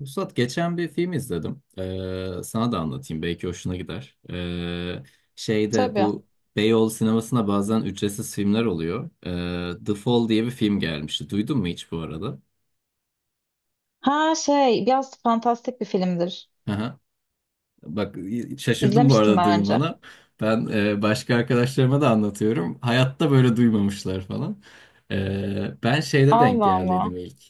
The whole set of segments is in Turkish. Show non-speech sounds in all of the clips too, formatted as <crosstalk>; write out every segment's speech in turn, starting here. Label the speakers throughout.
Speaker 1: Vuslat geçen bir film izledim. Sana da anlatayım belki hoşuna gider. Şeyde
Speaker 2: Tabii.
Speaker 1: bu Beyoğlu sinemasına bazen ücretsiz filmler oluyor. The Fall diye bir film gelmişti. Duydun mu hiç bu arada?
Speaker 2: Ha şey biraz fantastik bir filmdir.
Speaker 1: Bak, şaşırdım bu
Speaker 2: İzlemiştim
Speaker 1: arada
Speaker 2: daha önce.
Speaker 1: duymana. Ben başka arkadaşlarıma da anlatıyorum. Hayatta böyle duymamışlar falan. Ben şeyde denk
Speaker 2: Allah Allah.
Speaker 1: geldiydim ilk.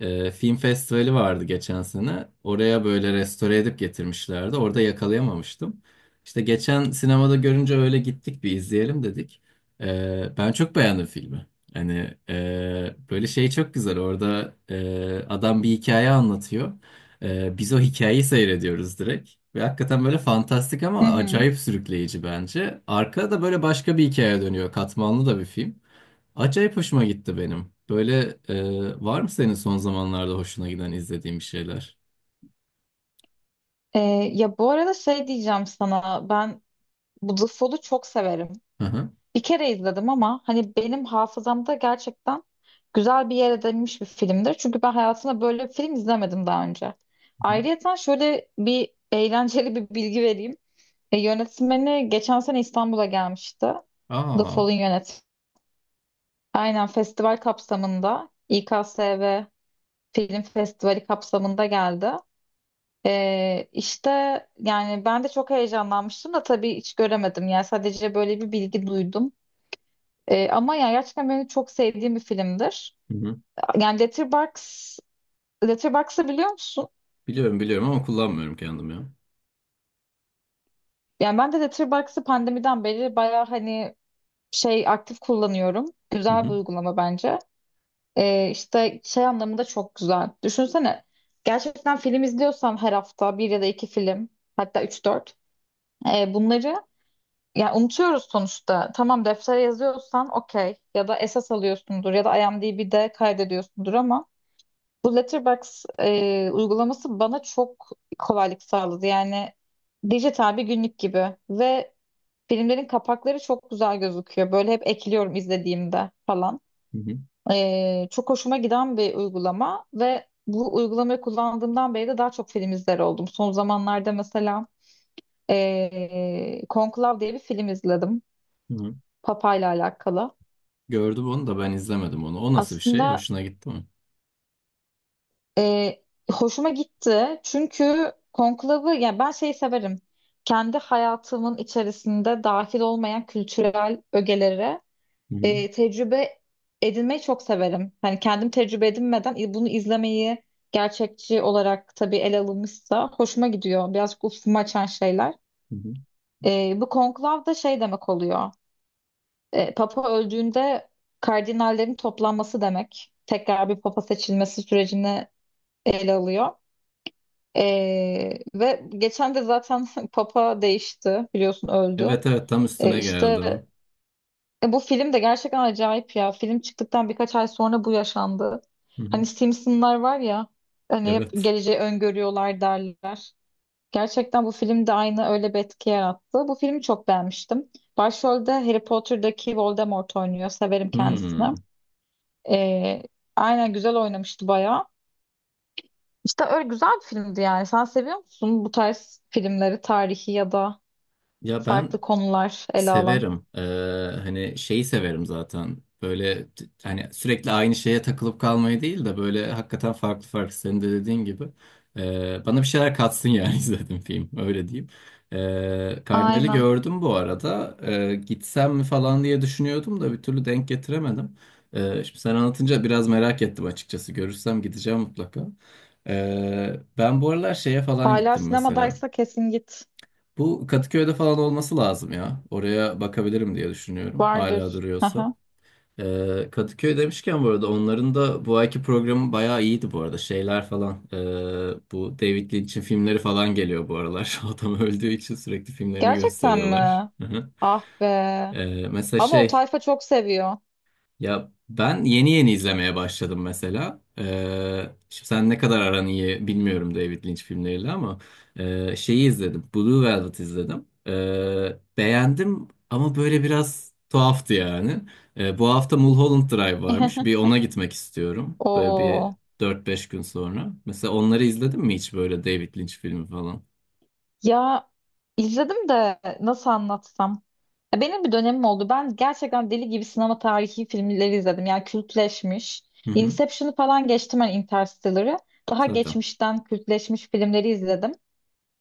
Speaker 1: Film festivali vardı geçen sene. Oraya böyle restore edip getirmişlerdi. Orada yakalayamamıştım. İşte geçen sinemada görünce öyle gittik, bir izleyelim dedik. Ben çok beğendim filmi. Hani böyle şey çok güzel. Orada adam bir hikaye anlatıyor. Biz o hikayeyi seyrediyoruz direkt. Ve hakikaten böyle fantastik
Speaker 2: Hı
Speaker 1: ama
Speaker 2: hı.
Speaker 1: acayip sürükleyici bence. Arkada da böyle başka bir hikaye dönüyor. Katmanlı da bir film. Acayip hoşuma gitti benim. Böyle, var mı senin son zamanlarda hoşuna giden izlediğin bir şeyler?
Speaker 2: Ee, Ya bu arada şey diyeceğim sana ben bu The Fall'u çok severim.
Speaker 1: Hı hı. Hı
Speaker 2: Bir kere izledim ama hani benim hafızamda gerçekten güzel bir yer edinmiş bir filmdir. Çünkü ben hayatımda böyle bir film izlemedim daha önce.
Speaker 1: hı.
Speaker 2: Ayrıca şöyle bir eğlenceli bir bilgi vereyim. Yönetmeni geçen sene İstanbul'a gelmişti. The
Speaker 1: Aa.
Speaker 2: Fall'un yönetmeni. Aynen festival kapsamında İKSV Film Festivali kapsamında geldi. İşte yani ben de çok heyecanlanmıştım da tabii hiç göremedim. Yani sadece böyle bir bilgi duydum. Ama yani gerçekten benim çok sevdiğim bir filmdir.
Speaker 1: Hı hı.
Speaker 2: Yani Letterboxd'ı biliyor musun?
Speaker 1: Biliyorum, biliyorum ama kullanmıyorum kendim ya.
Speaker 2: Yani ben de Letterboxd'ı pandemiden beri bayağı hani şey aktif kullanıyorum.
Speaker 1: Hı
Speaker 2: Güzel bir
Speaker 1: hı.
Speaker 2: uygulama bence. İşte şey anlamında çok güzel. Düşünsene gerçekten film izliyorsan her hafta bir ya da iki film hatta üç dört bunları yani unutuyoruz sonuçta. Tamam deftere yazıyorsan okey ya da esas alıyorsundur ya da IMDb'de kaydediyorsundur ama bu Letterboxd uygulaması bana çok kolaylık sağladı. Yani dijital bir günlük gibi ve filmlerin kapakları çok güzel gözüküyor. Böyle hep ekliyorum izlediğimde falan.
Speaker 1: Hı hı.
Speaker 2: Çok hoşuma giden bir uygulama ve bu uygulamayı kullandığımdan beri de daha çok film izler oldum. Son zamanlarda mesela Conclave diye bir film izledim.
Speaker 1: Hı hı.
Speaker 2: Papa ile alakalı.
Speaker 1: Gördüm onu, da ben izlemedim onu. O nasıl bir şey?
Speaker 2: Aslında
Speaker 1: Hoşuna gitti mi?
Speaker 2: ee, hoşuma gitti çünkü Conclave'ı yani ben şeyi severim. Kendi hayatımın içerisinde dahil olmayan kültürel ögelere
Speaker 1: Hı hı.
Speaker 2: tecrübe edinmeyi çok severim. Hani kendim tecrübe edinmeden bunu izlemeyi gerçekçi olarak tabii ele alınmışsa hoşuma gidiyor. Birazcık ufkumu açan şeyler.
Speaker 1: Hı hı.
Speaker 2: E, bu konklav da şey demek oluyor. E, Papa öldüğünde kardinallerin toplanması demek. Tekrar bir papa seçilmesi sürecini ele alıyor. E, Ve geçen de zaten <laughs> papa değişti biliyorsun öldü.
Speaker 1: Evet, evet, tam
Speaker 2: E,
Speaker 1: üstüne
Speaker 2: işte
Speaker 1: geldi o.
Speaker 2: Bu film de gerçekten acayip ya. Film çıktıktan birkaç ay sonra bu yaşandı.
Speaker 1: Hı hı.
Speaker 2: Hani Simpsonlar var ya, hani hep
Speaker 1: Evet.
Speaker 2: geleceği öngörüyorlar derler. Gerçekten bu film de aynı öyle bir etki yarattı. Bu filmi çok beğenmiştim. Başrolde Harry Potter'daki Voldemort oynuyor. Severim kendisini.
Speaker 1: Hmm.
Speaker 2: E, aynen güzel oynamıştı bayağı. İşte öyle güzel bir filmdi yani. Sen seviyor musun bu tarz filmleri, tarihi ya da
Speaker 1: Ya ben
Speaker 2: farklı konular ele alan?
Speaker 1: severim. Hani şeyi severim zaten. Böyle hani sürekli aynı şeye takılıp kalmayı değil de böyle hakikaten farklı farklı, senin de dediğin gibi. Bana bir şeyler katsın yani. <laughs> izledim film, öyle diyeyim. Kardinal'i
Speaker 2: Aynen.
Speaker 1: gördüm bu arada. Gitsem mi falan diye düşünüyordum da bir türlü denk getiremedim. Şimdi sen anlatınca biraz merak ettim açıkçası. Görürsem gideceğim mutlaka. Ben bu aralar şeye falan
Speaker 2: Hala
Speaker 1: gittim mesela.
Speaker 2: sinemadaysa kesin git.
Speaker 1: Bu Kadıköy'de falan olması lazım ya. Oraya bakabilirim diye düşünüyorum. Hala
Speaker 2: Vardır.
Speaker 1: duruyorsa.
Speaker 2: Aha.
Speaker 1: Kadıköy demişken bu arada onların da bu ayki programı bayağı iyiydi bu arada. Şeyler falan. Bu David Lynch'in filmleri falan geliyor bu aralar. <laughs> Adam öldüğü için sürekli filmlerini
Speaker 2: Gerçekten
Speaker 1: gösteriyorlar.
Speaker 2: mi?
Speaker 1: Hı hı.
Speaker 2: Ah be.
Speaker 1: Mesela
Speaker 2: Ama o
Speaker 1: şey
Speaker 2: tayfa çok seviyor.
Speaker 1: ya ben yeni yeni izlemeye başladım mesela. Şimdi sen ne kadar aran iyi bilmiyorum David Lynch filmleriyle ama şeyi izledim. Blue Velvet izledim. Beğendim ama böyle biraz tuhaftı yani. Bu hafta Mulholland Drive varmış. Bir
Speaker 2: <laughs>
Speaker 1: ona gitmek istiyorum. Böyle bir
Speaker 2: Oo.
Speaker 1: dört beş gün sonra. Mesela onları izledin mi hiç, böyle David Lynch filmi falan?
Speaker 2: Ya izledim de nasıl anlatsam. Ya benim bir dönemim oldu. Ben gerçekten deli gibi sinema tarihi filmleri izledim. Yani kültleşmiş.
Speaker 1: Hı hı.
Speaker 2: Inception'ı falan geçtim ben Interstellar'ı. Daha
Speaker 1: Zaten.
Speaker 2: geçmişten kültleşmiş filmleri izledim.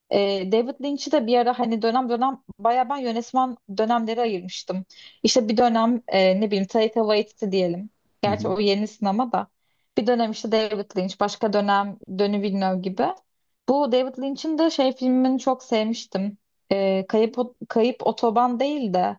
Speaker 2: David Lynch'i de bir ara hani dönem dönem bayağı ben yönetmen dönemleri ayırmıştım. İşte bir dönem ne bileyim Taika Waititi diyelim.
Speaker 1: Hı
Speaker 2: Gerçi
Speaker 1: hı.
Speaker 2: o yeni sinema da. Bir dönem işte David Lynch, başka dönem Denis Villeneuve gibi. Bu David Lynch'in de şey filmini çok sevmiştim. E, Kayıp, Kayıp Otoban değil de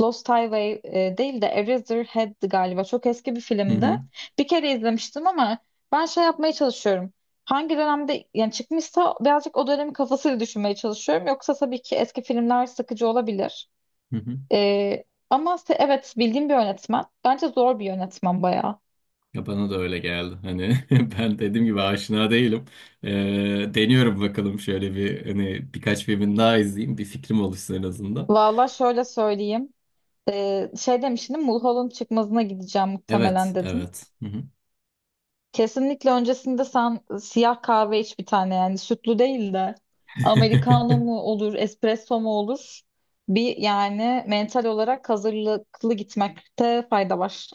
Speaker 2: Lost Highway değil de Eraserhead'di galiba. Çok eski bir
Speaker 1: Hı
Speaker 2: filmdi.
Speaker 1: hı.
Speaker 2: Bir kere izlemiştim ama ben şey yapmaya çalışıyorum. Hangi dönemde yani çıkmışsa birazcık o dönemin kafasıyla düşünmeye çalışıyorum. Yoksa tabii ki eski filmler sıkıcı olabilir.
Speaker 1: Hı hı.
Speaker 2: E, ama evet bildiğim bir yönetmen. Bence zor bir yönetmen bayağı.
Speaker 1: Ya bana da öyle geldi. Hani, <laughs> ben dediğim gibi aşina değilim. Ee, Deniyorum bakalım, şöyle bir hani birkaç filmin daha izleyeyim. Bir fikrim oluşsun en azından.
Speaker 2: Valla şöyle söyleyeyim. Şey demiştim Mulholland çıkmazına gideceğim
Speaker 1: Evet,
Speaker 2: muhtemelen dedim.
Speaker 1: evet. Hı hı.
Speaker 2: Kesinlikle öncesinde sen siyah kahve iç bir tane yani sütlü değil de americano
Speaker 1: <laughs>
Speaker 2: mu olur, espresso mu olur? Bir yani mental olarak hazırlıklı gitmekte fayda var.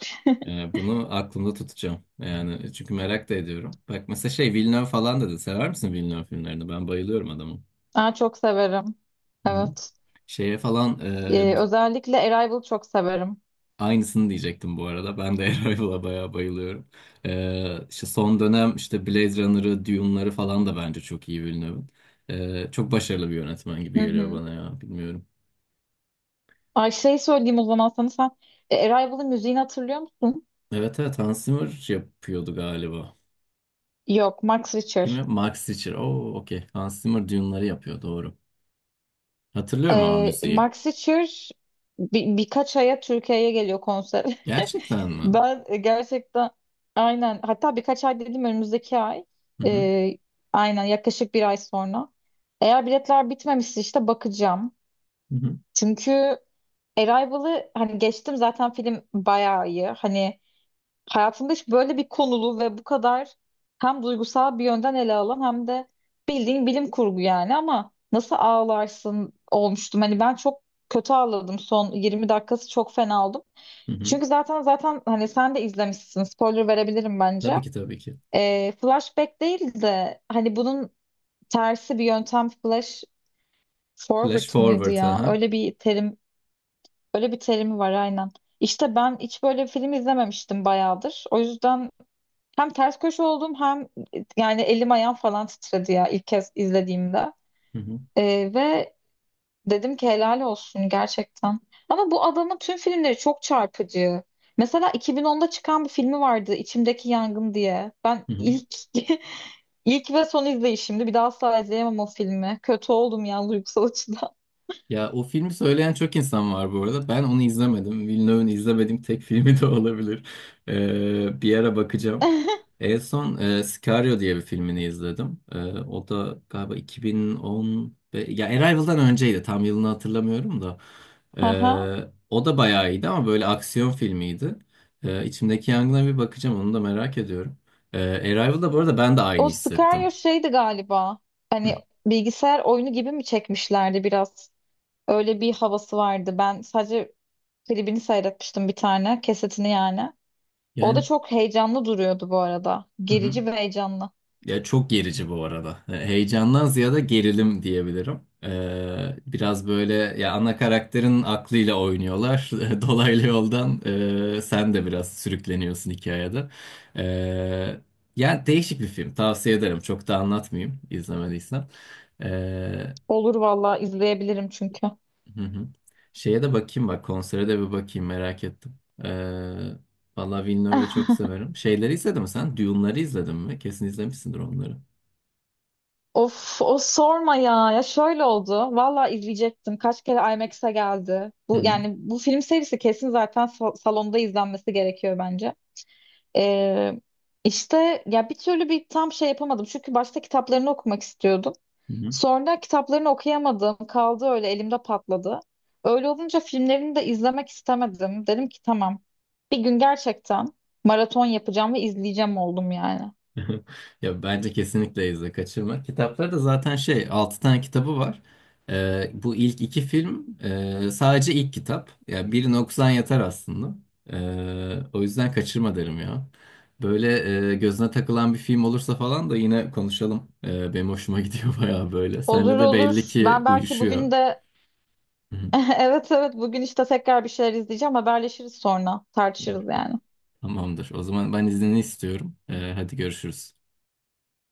Speaker 1: Yani bunu aklımda tutacağım. Yani çünkü merak da ediyorum. Bak mesela şey Villeneuve falan dedi. Sever misin Villeneuve filmlerini? Ben bayılıyorum adamı.
Speaker 2: Ben çok severim.
Speaker 1: Hı hı.
Speaker 2: Evet.
Speaker 1: Şeye falan e,
Speaker 2: Özellikle Arrival çok severim.
Speaker 1: Aynısını diyecektim bu arada. Ben de <laughs> Arrival'a bayağı bayılıyorum. İşte son dönem işte Blade Runner'ı, Dune'ları falan da bence çok iyi Villeneuve'ın. Çok başarılı bir yönetmen gibi
Speaker 2: Hı
Speaker 1: geliyor
Speaker 2: hı.
Speaker 1: bana ya. Bilmiyorum.
Speaker 2: Ay şey söyleyeyim o zaman sana sen Arrival'ın müziğini hatırlıyor musun?
Speaker 1: Evet, evet, Hans Zimmer yapıyordu galiba.
Speaker 2: Yok, Max Richter.
Speaker 1: Kimi? Max Richter. Oo, okey. Hans Zimmer Dune'ları yapıyor, doğru. Hatırlıyorum ama müziği.
Speaker 2: Max Richter birkaç aya Türkiye'ye geliyor konser.
Speaker 1: Gerçekten
Speaker 2: <laughs>
Speaker 1: mi?
Speaker 2: Ben gerçekten aynen hatta birkaç ay dedim önümüzdeki ay.
Speaker 1: Hı hı.
Speaker 2: Ee, aynen yaklaşık bir ay sonra. Eğer biletler bitmemişse işte bakacağım.
Speaker 1: Hı hı.
Speaker 2: Çünkü Arrival'ı hani geçtim zaten film bayağı iyi. Hani hayatımda hiç böyle bir konulu ve bu kadar hem duygusal bir yönden ele alan hem de bildiğin bilim kurgu yani ama nasıl ağlarsın olmuştum. Hani ben çok kötü ağladım son 20 dakikası çok fena oldum.
Speaker 1: Hı hı.
Speaker 2: Çünkü zaten hani sen de izlemişsin spoiler verebilirim bence.
Speaker 1: Tabii ki, tabii ki.
Speaker 2: Flashback değil de hani bunun tersi bir yöntem flash
Speaker 1: Flash
Speaker 2: forward mıydı
Speaker 1: Forward.
Speaker 2: ya?
Speaker 1: Aha.
Speaker 2: Öyle bir terimi var aynen. İşte ben hiç böyle bir film izlememiştim bayağıdır. O yüzden hem ters köşe oldum hem yani elim ayağım falan titredi ya ilk kez izlediğimde.
Speaker 1: Hı hı.
Speaker 2: Ve dedim ki helal olsun gerçekten. Ama bu adamın tüm filmleri çok çarpıcı. Mesela 2010'da çıkan bir filmi vardı İçimdeki Yangın diye. Ben
Speaker 1: Hı hı.
Speaker 2: ilk <laughs> ilk ve son izleyişimdi. Bir daha asla izleyemem o filmi. Kötü oldum ya duygusal açıdan.
Speaker 1: Ya o filmi söyleyen çok insan var bu arada. Ben onu izlemedim. Villeneuve'un izlemediğim tek <laughs> filmi de olabilir. Bir ara bakacağım.
Speaker 2: <laughs>
Speaker 1: En son Sicario diye bir filmini izledim. O da galiba 2010... Ya Arrival'dan önceydi. Tam yılını hatırlamıyorum da.
Speaker 2: Aha.
Speaker 1: O da bayağı iyiydi ama böyle aksiyon filmiydi. İçimdeki Yangın'a bir bakacağım. Onu da merak ediyorum. Arrival'da bu arada ben de aynı
Speaker 2: O
Speaker 1: hissettim.
Speaker 2: Sicario şeydi galiba. Hani
Speaker 1: Hı.
Speaker 2: bilgisayar oyunu gibi mi çekmişlerdi biraz? Öyle bir havası vardı. Ben sadece klibini seyretmiştim bir tane. Kesetini yani. O da
Speaker 1: Yani...
Speaker 2: çok heyecanlı duruyordu bu arada.
Speaker 1: Hı hı.
Speaker 2: Gerici ve heyecanlı.
Speaker 1: Ya çok gerici bu arada. Heyecandan ziyade gerilim diyebilirim. Biraz böyle ya, ana karakterin aklıyla oynuyorlar. <laughs> Dolaylı yoldan sen de biraz sürükleniyorsun hikayede. E, Yani değişik bir film. Tavsiye ederim. Çok da anlatmayayım, izlemediysen. E,
Speaker 2: Olur valla izleyebilirim çünkü.
Speaker 1: hı hı. Şeye de bakayım bak. Konsere de bir bakayım, merak ettim. E, Valla Villeneuve'ü de çok severim. Şeyleri izledin mi sen? Dune'ları izledin mi? Kesin izlemişsindir onları.
Speaker 2: Of o sorma ya. Ya şöyle oldu. Valla izleyecektim. Kaç kere IMAX'e geldi.
Speaker 1: Hı
Speaker 2: Bu
Speaker 1: hı.
Speaker 2: yani bu film serisi kesin zaten salonda izlenmesi gerekiyor bence. Ee, işte ya bir türlü bir tam şey yapamadım. Çünkü başta kitaplarını okumak istiyordum.
Speaker 1: Hı hı.
Speaker 2: Sonra kitaplarını okuyamadım. Kaldı öyle elimde patladı. Öyle olunca filmlerini de izlemek istemedim. Dedim ki tamam. Bir gün gerçekten maraton yapacağım ve izleyeceğim oldum yani.
Speaker 1: <laughs> Ya bence kesinlikle izle, kaçırma. Kitapları da zaten şey, 6 tane kitabı var. Bu ilk iki film sadece ilk kitap. Yani birini okusan yeter aslında. O yüzden kaçırma derim ya. Böyle gözüne takılan bir film olursa falan da yine konuşalım. Benim hoşuma gidiyor <laughs> bayağı böyle.
Speaker 2: Olur
Speaker 1: Seninle de belli
Speaker 2: olur.
Speaker 1: ki
Speaker 2: Ben belki
Speaker 1: uyuşuyor.
Speaker 2: bugün de
Speaker 1: <laughs> Hı hı.
Speaker 2: <laughs> evet evet bugün işte tekrar bir şeyler izleyeceğim. Haberleşiriz sonra. Tartışırız yani.
Speaker 1: Tamamdır. O zaman ben iznini istiyorum. Hadi görüşürüz.